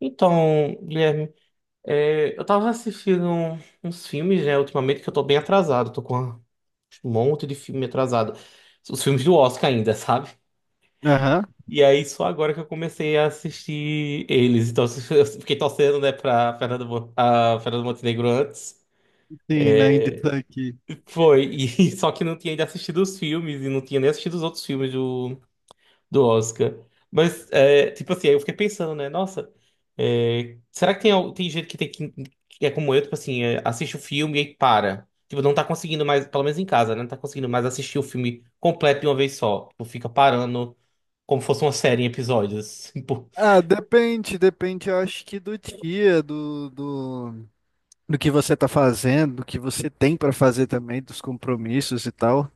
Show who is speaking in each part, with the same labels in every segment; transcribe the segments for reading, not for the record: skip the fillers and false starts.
Speaker 1: Então, Guilherme, eu tava assistindo uns filmes, né, ultimamente, que eu tô bem atrasado, tô com um monte de filme atrasado. Os filmes do Oscar ainda, sabe?
Speaker 2: Aham,
Speaker 1: E aí, só agora que eu comecei a assistir eles. Então, eu fiquei torcendo, né, pra a Fernanda Montenegro antes.
Speaker 2: sim, né? Interessante.
Speaker 1: Foi, e só que não tinha ainda assistido os filmes, e não tinha nem assistido os outros filmes do Oscar. Mas, tipo assim, aí eu fiquei pensando, né? Nossa, será que tem, tem gente que tem que é como eu, tipo assim, assiste o filme e aí para. Tipo, não tá conseguindo mais, pelo menos em casa, né? Não tá conseguindo mais assistir o filme completo de uma vez só. Tipo, fica parando como fosse uma série em episódios. Tipo,
Speaker 2: Ah, depende, depende, eu acho que do dia, do que você tá fazendo, do que você tem pra fazer também, dos compromissos e tal.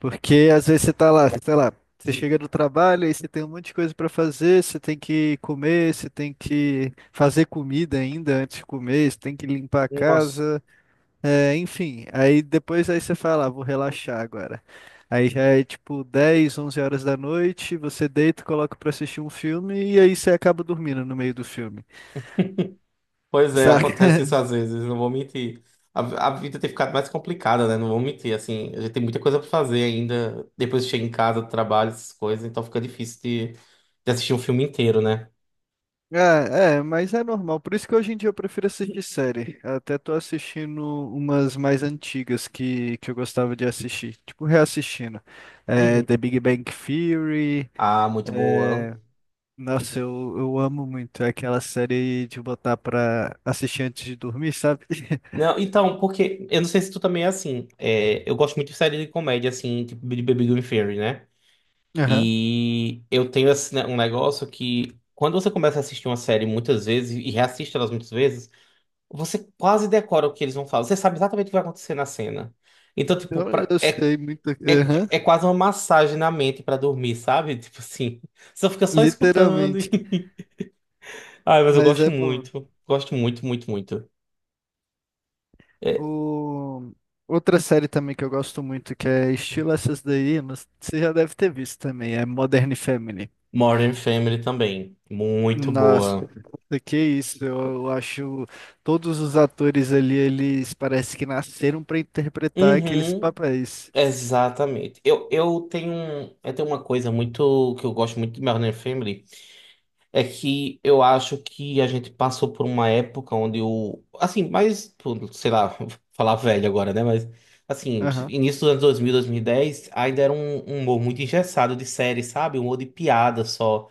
Speaker 2: Porque às vezes você tá lá, sei lá, você chega do trabalho e você tem um monte de coisa pra fazer, você tem que comer, você tem que fazer comida ainda antes de comer, você tem que limpar a
Speaker 1: Nossa,
Speaker 2: casa. É, enfim, aí depois aí você fala, ah, vou relaxar agora. Aí já é tipo 10, 11 horas da noite, você deita, coloca pra assistir um filme e aí você acaba dormindo no meio do filme,
Speaker 1: Pois é, acontece
Speaker 2: saca?
Speaker 1: isso às vezes, não vou mentir. A vida tem ficado mais complicada, né? Não vou mentir, assim, a gente tem muita coisa pra fazer ainda. Depois chega em casa, trabalho, essas coisas, então fica difícil de assistir um filme inteiro, né?
Speaker 2: Ah, é, mas é normal. Por isso que hoje em dia eu prefiro assistir série. Até tô assistindo umas mais antigas que eu gostava de assistir, tipo reassistindo. É, The
Speaker 1: Uhum.
Speaker 2: Big Bang Theory.
Speaker 1: Ah, muito boa.
Speaker 2: Nossa, eu amo muito. É aquela série de botar pra assistir antes de dormir, sabe?
Speaker 1: Não, então, porque eu não sei se tu também é assim. Eu gosto muito de série de comédia, assim, tipo de Baby Gone Fairy, né?
Speaker 2: Aham.
Speaker 1: E eu tenho esse, né, um negócio que quando você começa a assistir uma série muitas vezes e reassiste elas muitas vezes você quase decora o que eles vão falar. Você sabe exatamente o que vai acontecer na cena. Então, tipo,
Speaker 2: Eu, eu sei muito. Aham,
Speaker 1: é quase uma massagem na mente pra dormir, sabe? Tipo assim, você fica só escutando.
Speaker 2: literalmente.
Speaker 1: Ai, mas eu
Speaker 2: Mas
Speaker 1: gosto
Speaker 2: é bom.
Speaker 1: muito. Gosto muito, muito, muito. É,
Speaker 2: O... Outra série também que eu gosto muito, que é estilo essas daí, mas você já deve ter visto também, é Modern Family.
Speaker 1: Modern Family também. Muito
Speaker 2: Nossa,
Speaker 1: boa.
Speaker 2: que isso, eu acho todos os atores ali, eles parece que nasceram para interpretar aqueles
Speaker 1: Uhum,
Speaker 2: papéis.
Speaker 1: exatamente. Eu tenho, eu tenho uma coisa muito que eu gosto muito de Modern Family. É que eu acho que a gente passou por uma época onde o. Assim, mais. Pô, sei lá, vou falar velho agora, né? Mas. Assim,
Speaker 2: Aham,
Speaker 1: início dos anos 2000, 2010, ainda era um, um humor muito engessado de série, sabe? Um humor de piada só.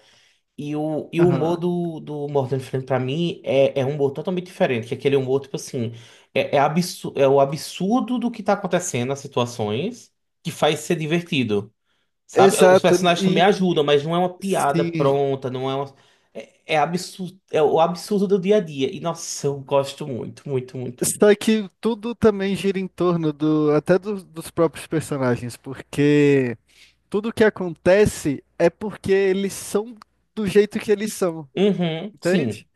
Speaker 1: E o humor
Speaker 2: aham.
Speaker 1: do Morgan Freeman, pra mim, é um humor totalmente diferente. Que é aquele humor, tipo assim. É o absurdo do que tá acontecendo, as situações, que faz ser divertido. Sabe? Os
Speaker 2: Exato,
Speaker 1: personagens também
Speaker 2: e
Speaker 1: ajudam, mas não é uma piada
Speaker 2: sim.
Speaker 1: pronta, não é uma... É, é absurdo, é o absurdo do dia a dia. E, nossa, eu gosto muito, muito, muito, muito.
Speaker 2: Só que tudo também gira em torno do, até dos próprios personagens, porque tudo que acontece é porque eles são do jeito que eles são,
Speaker 1: Uhum, sim,
Speaker 2: entende?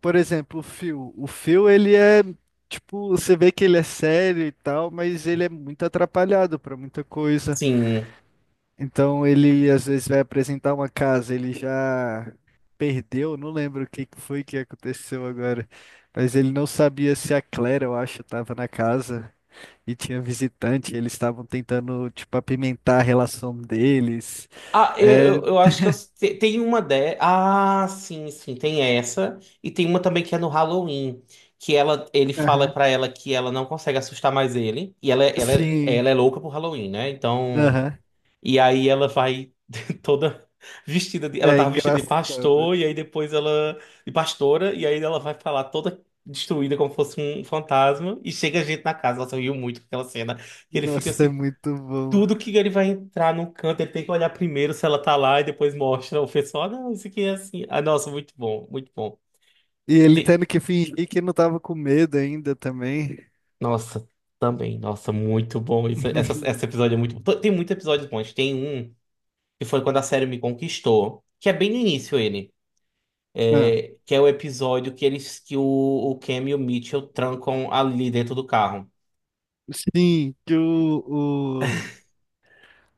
Speaker 2: Por exemplo, o Phil. O Phil, ele é, tipo, você vê que ele é sério e tal, mas ele é muito atrapalhado pra muita coisa.
Speaker 1: sim.
Speaker 2: Então, ele às vezes vai apresentar uma casa, ele já perdeu, não lembro o que que foi que aconteceu agora, mas ele não sabia se a Claire, eu acho, tava na casa. E tinha visitante, eles estavam tentando, tipo, apimentar a relação deles.
Speaker 1: Ah, eu,
Speaker 2: É.
Speaker 1: eu eu acho que eu... tem uma de... Ah, sim, sim, tem essa. E tem uma também que é no Halloween, que ele fala
Speaker 2: Aham.
Speaker 1: pra ela que ela não consegue assustar mais ele. E
Speaker 2: Sim.
Speaker 1: ela é louca por Halloween, né? Então...
Speaker 2: Aham.
Speaker 1: E aí ela vai toda vestida de, ela
Speaker 2: É
Speaker 1: tava vestida de
Speaker 2: engraçado.
Speaker 1: pastor e aí depois ela de pastora e aí ela vai falar toda destruída como fosse um fantasma e chega gente na casa, ela riu muito com aquela cena que ele fica
Speaker 2: Nossa, é
Speaker 1: assim,
Speaker 2: muito bom.
Speaker 1: tudo que ele vai entrar num canto, ele tem que olhar primeiro se ela tá lá e depois mostra o pessoal, "Ah, não, isso aqui é assim". Ah, nossa, muito bom, muito bom.
Speaker 2: E ele
Speaker 1: E-
Speaker 2: tendo que fingir que não tava com medo ainda também.
Speaker 1: nossa, também, nossa, muito bom isso. Essa, esse episódio é muito bom. Tem muitos episódios bons. Tem um que foi quando a série me conquistou, que é bem no início ele.
Speaker 2: Ah,
Speaker 1: Que é o episódio que eles que o Cam e o Mitchell trancam ali dentro do carro.
Speaker 2: sim.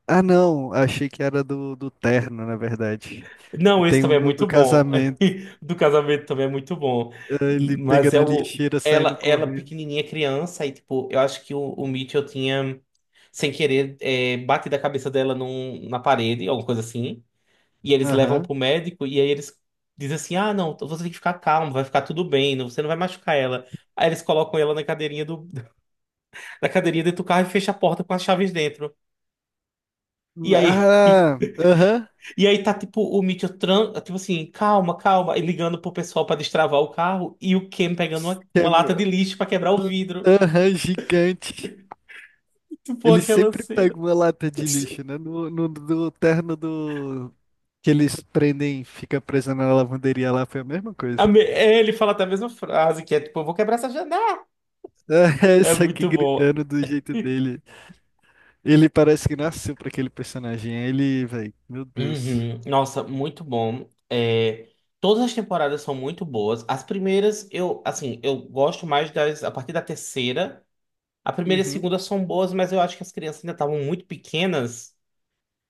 Speaker 2: Ah, não, achei que era do terno, na verdade. Que
Speaker 1: Não, esse
Speaker 2: tem um
Speaker 1: também é
Speaker 2: do,
Speaker 1: muito
Speaker 2: do
Speaker 1: bom.
Speaker 2: casamento.
Speaker 1: Do casamento também é muito bom.
Speaker 2: Ah, ele
Speaker 1: Mas
Speaker 2: pegando
Speaker 1: é
Speaker 2: a
Speaker 1: o
Speaker 2: lixeira, saindo
Speaker 1: ela
Speaker 2: correndo.
Speaker 1: pequenininha criança e tipo, eu acho que o Mitchell tinha sem querer batido a cabeça dela na parede, alguma coisa assim. E eles levam
Speaker 2: Aham.
Speaker 1: pro médico e aí eles dizem assim: "Ah, não, então você tem que ficar calmo, vai ficar tudo bem, você não vai machucar ela". Aí eles colocam ela na cadeirinha do na cadeirinha dentro do carro e fecham a porta com as chaves dentro. E aí,
Speaker 2: Ah, aham.
Speaker 1: e aí tá tipo o Mitchell, tipo assim, calma, calma, e ligando pro pessoal pra destravar o carro e o Ken pegando uma lata de
Speaker 2: Câmera.
Speaker 1: lixo pra quebrar o vidro.
Speaker 2: Aham, gigante.
Speaker 1: Tipo
Speaker 2: Ele
Speaker 1: aquela
Speaker 2: sempre
Speaker 1: cena.
Speaker 2: pega uma lata de lixo, né? No terno do. Que eles prendem, fica preso na lavanderia lá, foi a mesma coisa.
Speaker 1: Ele fala até a mesma frase, que é tipo, eu vou quebrar essa janela.
Speaker 2: É,
Speaker 1: É
Speaker 2: isso aqui
Speaker 1: muito bom.
Speaker 2: gritando do jeito dele. Ele parece que nasceu pra aquele personagem. Ele, velho, meu Deus.
Speaker 1: Uhum. Nossa, muito bom. É, todas as temporadas são muito boas. As primeiras, eu, assim, eu gosto mais das, a partir da terceira. A primeira e a
Speaker 2: Uhum.
Speaker 1: segunda são boas, mas eu acho que as crianças ainda estavam muito pequenas.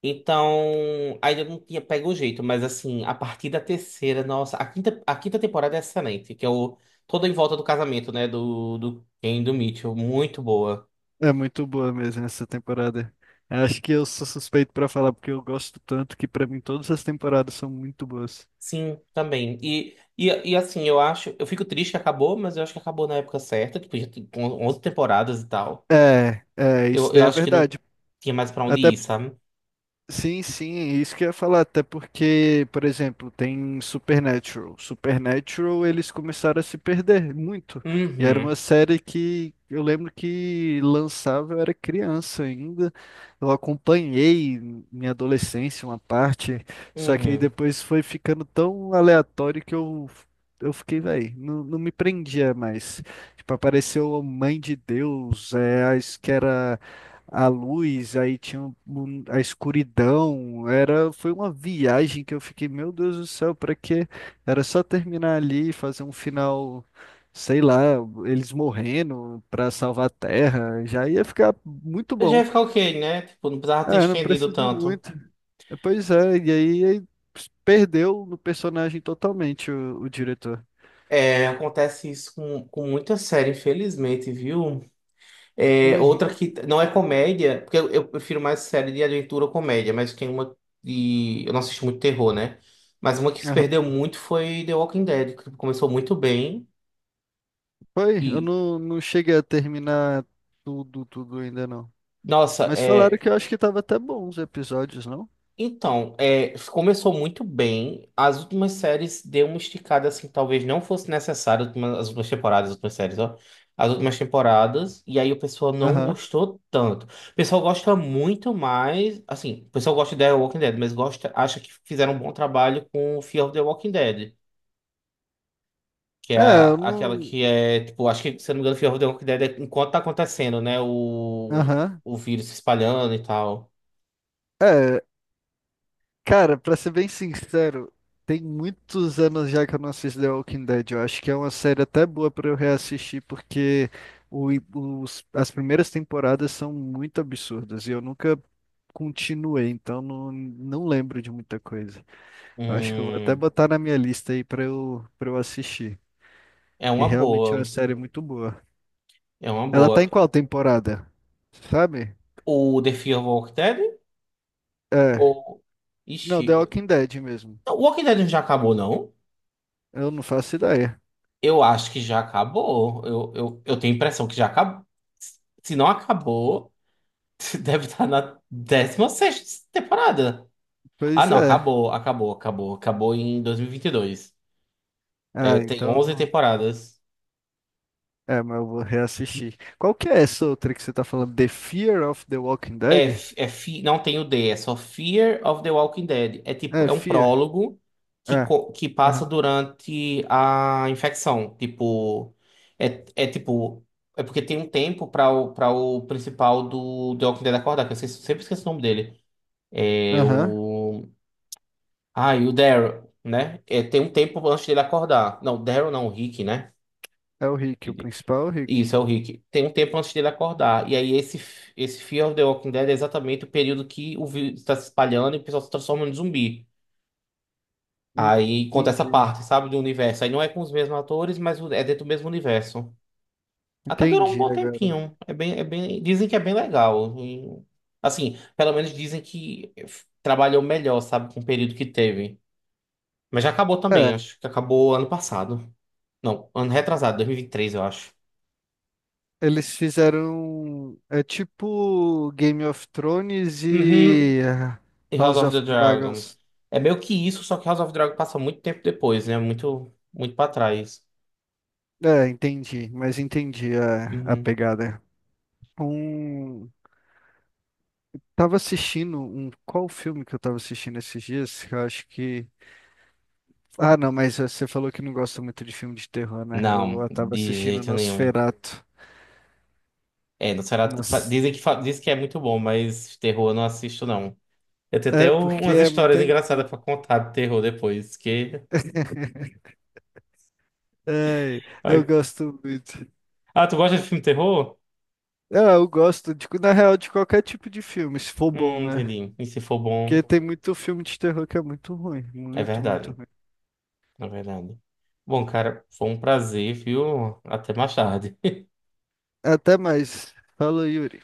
Speaker 1: Então, ainda não tinha pego o jeito, mas assim, a partir da terceira, nossa, a quinta temporada é excelente, que é o Todo em Volta do Casamento, né, do, do Ken e do Mitchell, muito boa.
Speaker 2: É muito boa mesmo essa temporada. Acho que eu sou suspeito pra falar, porque eu gosto tanto que pra mim todas as temporadas são muito boas.
Speaker 1: Sim, também. E assim, eu acho, eu fico triste que acabou, mas eu acho que acabou na época certa, tipo, já tem 11 temporadas e tal.
Speaker 2: É,
Speaker 1: Eu,
Speaker 2: isso
Speaker 1: eu
Speaker 2: daí é
Speaker 1: acho que não
Speaker 2: verdade.
Speaker 1: tinha mais pra onde
Speaker 2: Até
Speaker 1: ir, sabe?
Speaker 2: Sim, sim, é isso que eu ia falar, até porque, por exemplo, tem Supernatural. Supernatural, eles começaram a se perder muito. E era
Speaker 1: Uhum,
Speaker 2: uma série que eu lembro que lançava, eu era criança ainda. Eu acompanhei minha adolescência, uma parte, só que aí
Speaker 1: uhum.
Speaker 2: depois foi ficando tão aleatório que eu fiquei, velho, não me prendia mais. Tipo, apareceu a Mãe de Deus, a, que era a luz, aí tinha a escuridão, era, foi uma viagem que eu fiquei, meu Deus do céu, pra quê? Era só terminar ali e fazer um final, sei lá, eles morrendo pra salvar a Terra, já ia ficar muito
Speaker 1: Eu já ia
Speaker 2: bom.
Speaker 1: ficar ok, né? Tipo, não precisava ter
Speaker 2: Ah, não
Speaker 1: estendido
Speaker 2: precisa de
Speaker 1: tanto.
Speaker 2: muito. Pois é, e aí perdeu no personagem totalmente o diretor.
Speaker 1: É, acontece isso com muita série, infelizmente, viu? É, outra
Speaker 2: Uhum.
Speaker 1: que não é comédia, porque eu prefiro mais série de aventura ou comédia, mas tem uma de. Eu não assisto muito terror, né? Mas uma que se
Speaker 2: Aham.
Speaker 1: perdeu muito foi The Walking Dead, que começou muito bem.
Speaker 2: Foi, eu
Speaker 1: E,
Speaker 2: não cheguei a terminar tudo, tudo ainda não.
Speaker 1: nossa,
Speaker 2: Mas falaram
Speaker 1: é.
Speaker 2: que eu acho que tava até bom os episódios, não?
Speaker 1: Então, é, começou muito bem. As últimas séries deu uma esticada assim, que talvez não fosse necessário. As últimas temporadas, as últimas séries, ó. As últimas temporadas. E aí o pessoal não
Speaker 2: Aham.
Speaker 1: gostou tanto. O pessoal gosta muito mais. Assim, o pessoal gosta de The Walking Dead, mas gosta, acha que fizeram um bom trabalho com Fear of the Walking Dead. Que é
Speaker 2: É, eu
Speaker 1: aquela
Speaker 2: não.
Speaker 1: que é, tipo, acho que, se eu não me engano, Fear of the Walking Dead é enquanto tá acontecendo, né?
Speaker 2: Aham.
Speaker 1: O vírus se espalhando e tal.
Speaker 2: É, cara, pra ser bem sincero, tem muitos anos já que eu não assisto The Walking Dead. Eu acho que é uma série até boa pra eu reassistir, porque o, as primeiras temporadas são muito absurdas e eu nunca continuei, então não lembro de muita coisa. Eu acho que eu vou até
Speaker 1: Hum,
Speaker 2: botar na minha lista aí pra eu assistir,
Speaker 1: é
Speaker 2: que
Speaker 1: uma
Speaker 2: realmente é uma
Speaker 1: boa.
Speaker 2: série muito boa.
Speaker 1: É uma
Speaker 2: Ela tá
Speaker 1: boa.
Speaker 2: em qual temporada? Sabe?
Speaker 1: O The Fear of Walking Dead?
Speaker 2: É.
Speaker 1: Ou.
Speaker 2: Não, The
Speaker 1: Ixi.
Speaker 2: Walking Dead mesmo.
Speaker 1: O Walking Dead já acabou, não?
Speaker 2: Eu não faço ideia.
Speaker 1: Eu acho que já acabou. Eu tenho a impressão que já acabou. Se não acabou, deve estar na décima sexta temporada. Ah,
Speaker 2: Pois
Speaker 1: não,
Speaker 2: é.
Speaker 1: acabou, acabou, acabou. Acabou em 2022. É,
Speaker 2: Ah,
Speaker 1: tem
Speaker 2: então.
Speaker 1: 11 temporadas.
Speaker 2: É, mas eu vou reassistir. Qual que é essa outra que você tá falando? The Fear of the Walking
Speaker 1: É,
Speaker 2: Dead?
Speaker 1: não tem o D, é só Fear of the Walking Dead. É tipo,
Speaker 2: É,
Speaker 1: é um
Speaker 2: Fear.
Speaker 1: prólogo que,
Speaker 2: É.
Speaker 1: que passa
Speaker 2: Aham.
Speaker 1: durante a infecção. Tipo, é, é tipo, é porque tem um tempo para para o principal do The Walking Dead acordar, que eu sempre esqueço o nome dele. É
Speaker 2: Aham.
Speaker 1: o. Ah, e o Daryl, né? É, tem um tempo antes dele acordar. Não, Daryl não, o Rick, né?
Speaker 2: É o Rick, o principal é o Rick.
Speaker 1: Isso, é o Rick. Tem um tempo antes dele acordar. E aí, esse Fear of the Walking Dead é exatamente o período que o vírus está se espalhando e o pessoal se transforma em zumbi.
Speaker 2: Hum,
Speaker 1: Aí conta essa
Speaker 2: Entendi.
Speaker 1: parte, sabe, do universo. Aí não é com os mesmos atores, mas é dentro do mesmo universo. Até durou um
Speaker 2: Entendi
Speaker 1: bom
Speaker 2: agora.
Speaker 1: tempinho. É bem, dizem que é bem legal. E, assim, pelo menos dizem que trabalhou melhor, sabe, com o período que teve. Mas já acabou também,
Speaker 2: É,
Speaker 1: acho que acabou ano passado. Não, ano retrasado, 2023, eu acho.
Speaker 2: eles fizeram. É tipo Game of Thrones
Speaker 1: Uhum.
Speaker 2: e
Speaker 1: E House
Speaker 2: House
Speaker 1: of
Speaker 2: of
Speaker 1: the Dragon.
Speaker 2: Dragons.
Speaker 1: É meio que isso, só que House of the Dragon passa muito tempo depois, né? Muito, muito pra trás.
Speaker 2: É, entendi, mas entendi a
Speaker 1: Uhum.
Speaker 2: pegada. Um, Tava assistindo qual filme que eu tava assistindo esses dias? Que eu acho que. Ah, não, mas você falou que não gosta muito de filme de terror, né? Eu,
Speaker 1: Não,
Speaker 2: eu tava
Speaker 1: de
Speaker 2: assistindo
Speaker 1: jeito nenhum.
Speaker 2: Nosferatu.
Speaker 1: É, não será.
Speaker 2: Mas
Speaker 1: Dizem que, diz que é muito bom, mas terror eu não assisto, não. Eu tenho até
Speaker 2: é porque
Speaker 1: umas
Speaker 2: é muito
Speaker 1: histórias engraçadas
Speaker 2: antigo.
Speaker 1: pra contar de terror depois, que.
Speaker 2: Ai, eu
Speaker 1: Ai.
Speaker 2: gosto muito.
Speaker 1: Ah, tu gosta de filme terror?
Speaker 2: Eu gosto de, na real, de qualquer tipo de filme, se for bom, né?
Speaker 1: Entendi. E se for
Speaker 2: Porque
Speaker 1: bom,
Speaker 2: tem muito filme de terror que é muito ruim,
Speaker 1: é
Speaker 2: muito, muito
Speaker 1: verdade.
Speaker 2: ruim.
Speaker 1: É verdade. Bom, cara, foi um prazer, viu? Até mais tarde.
Speaker 2: Até mais. Fala, Yuri.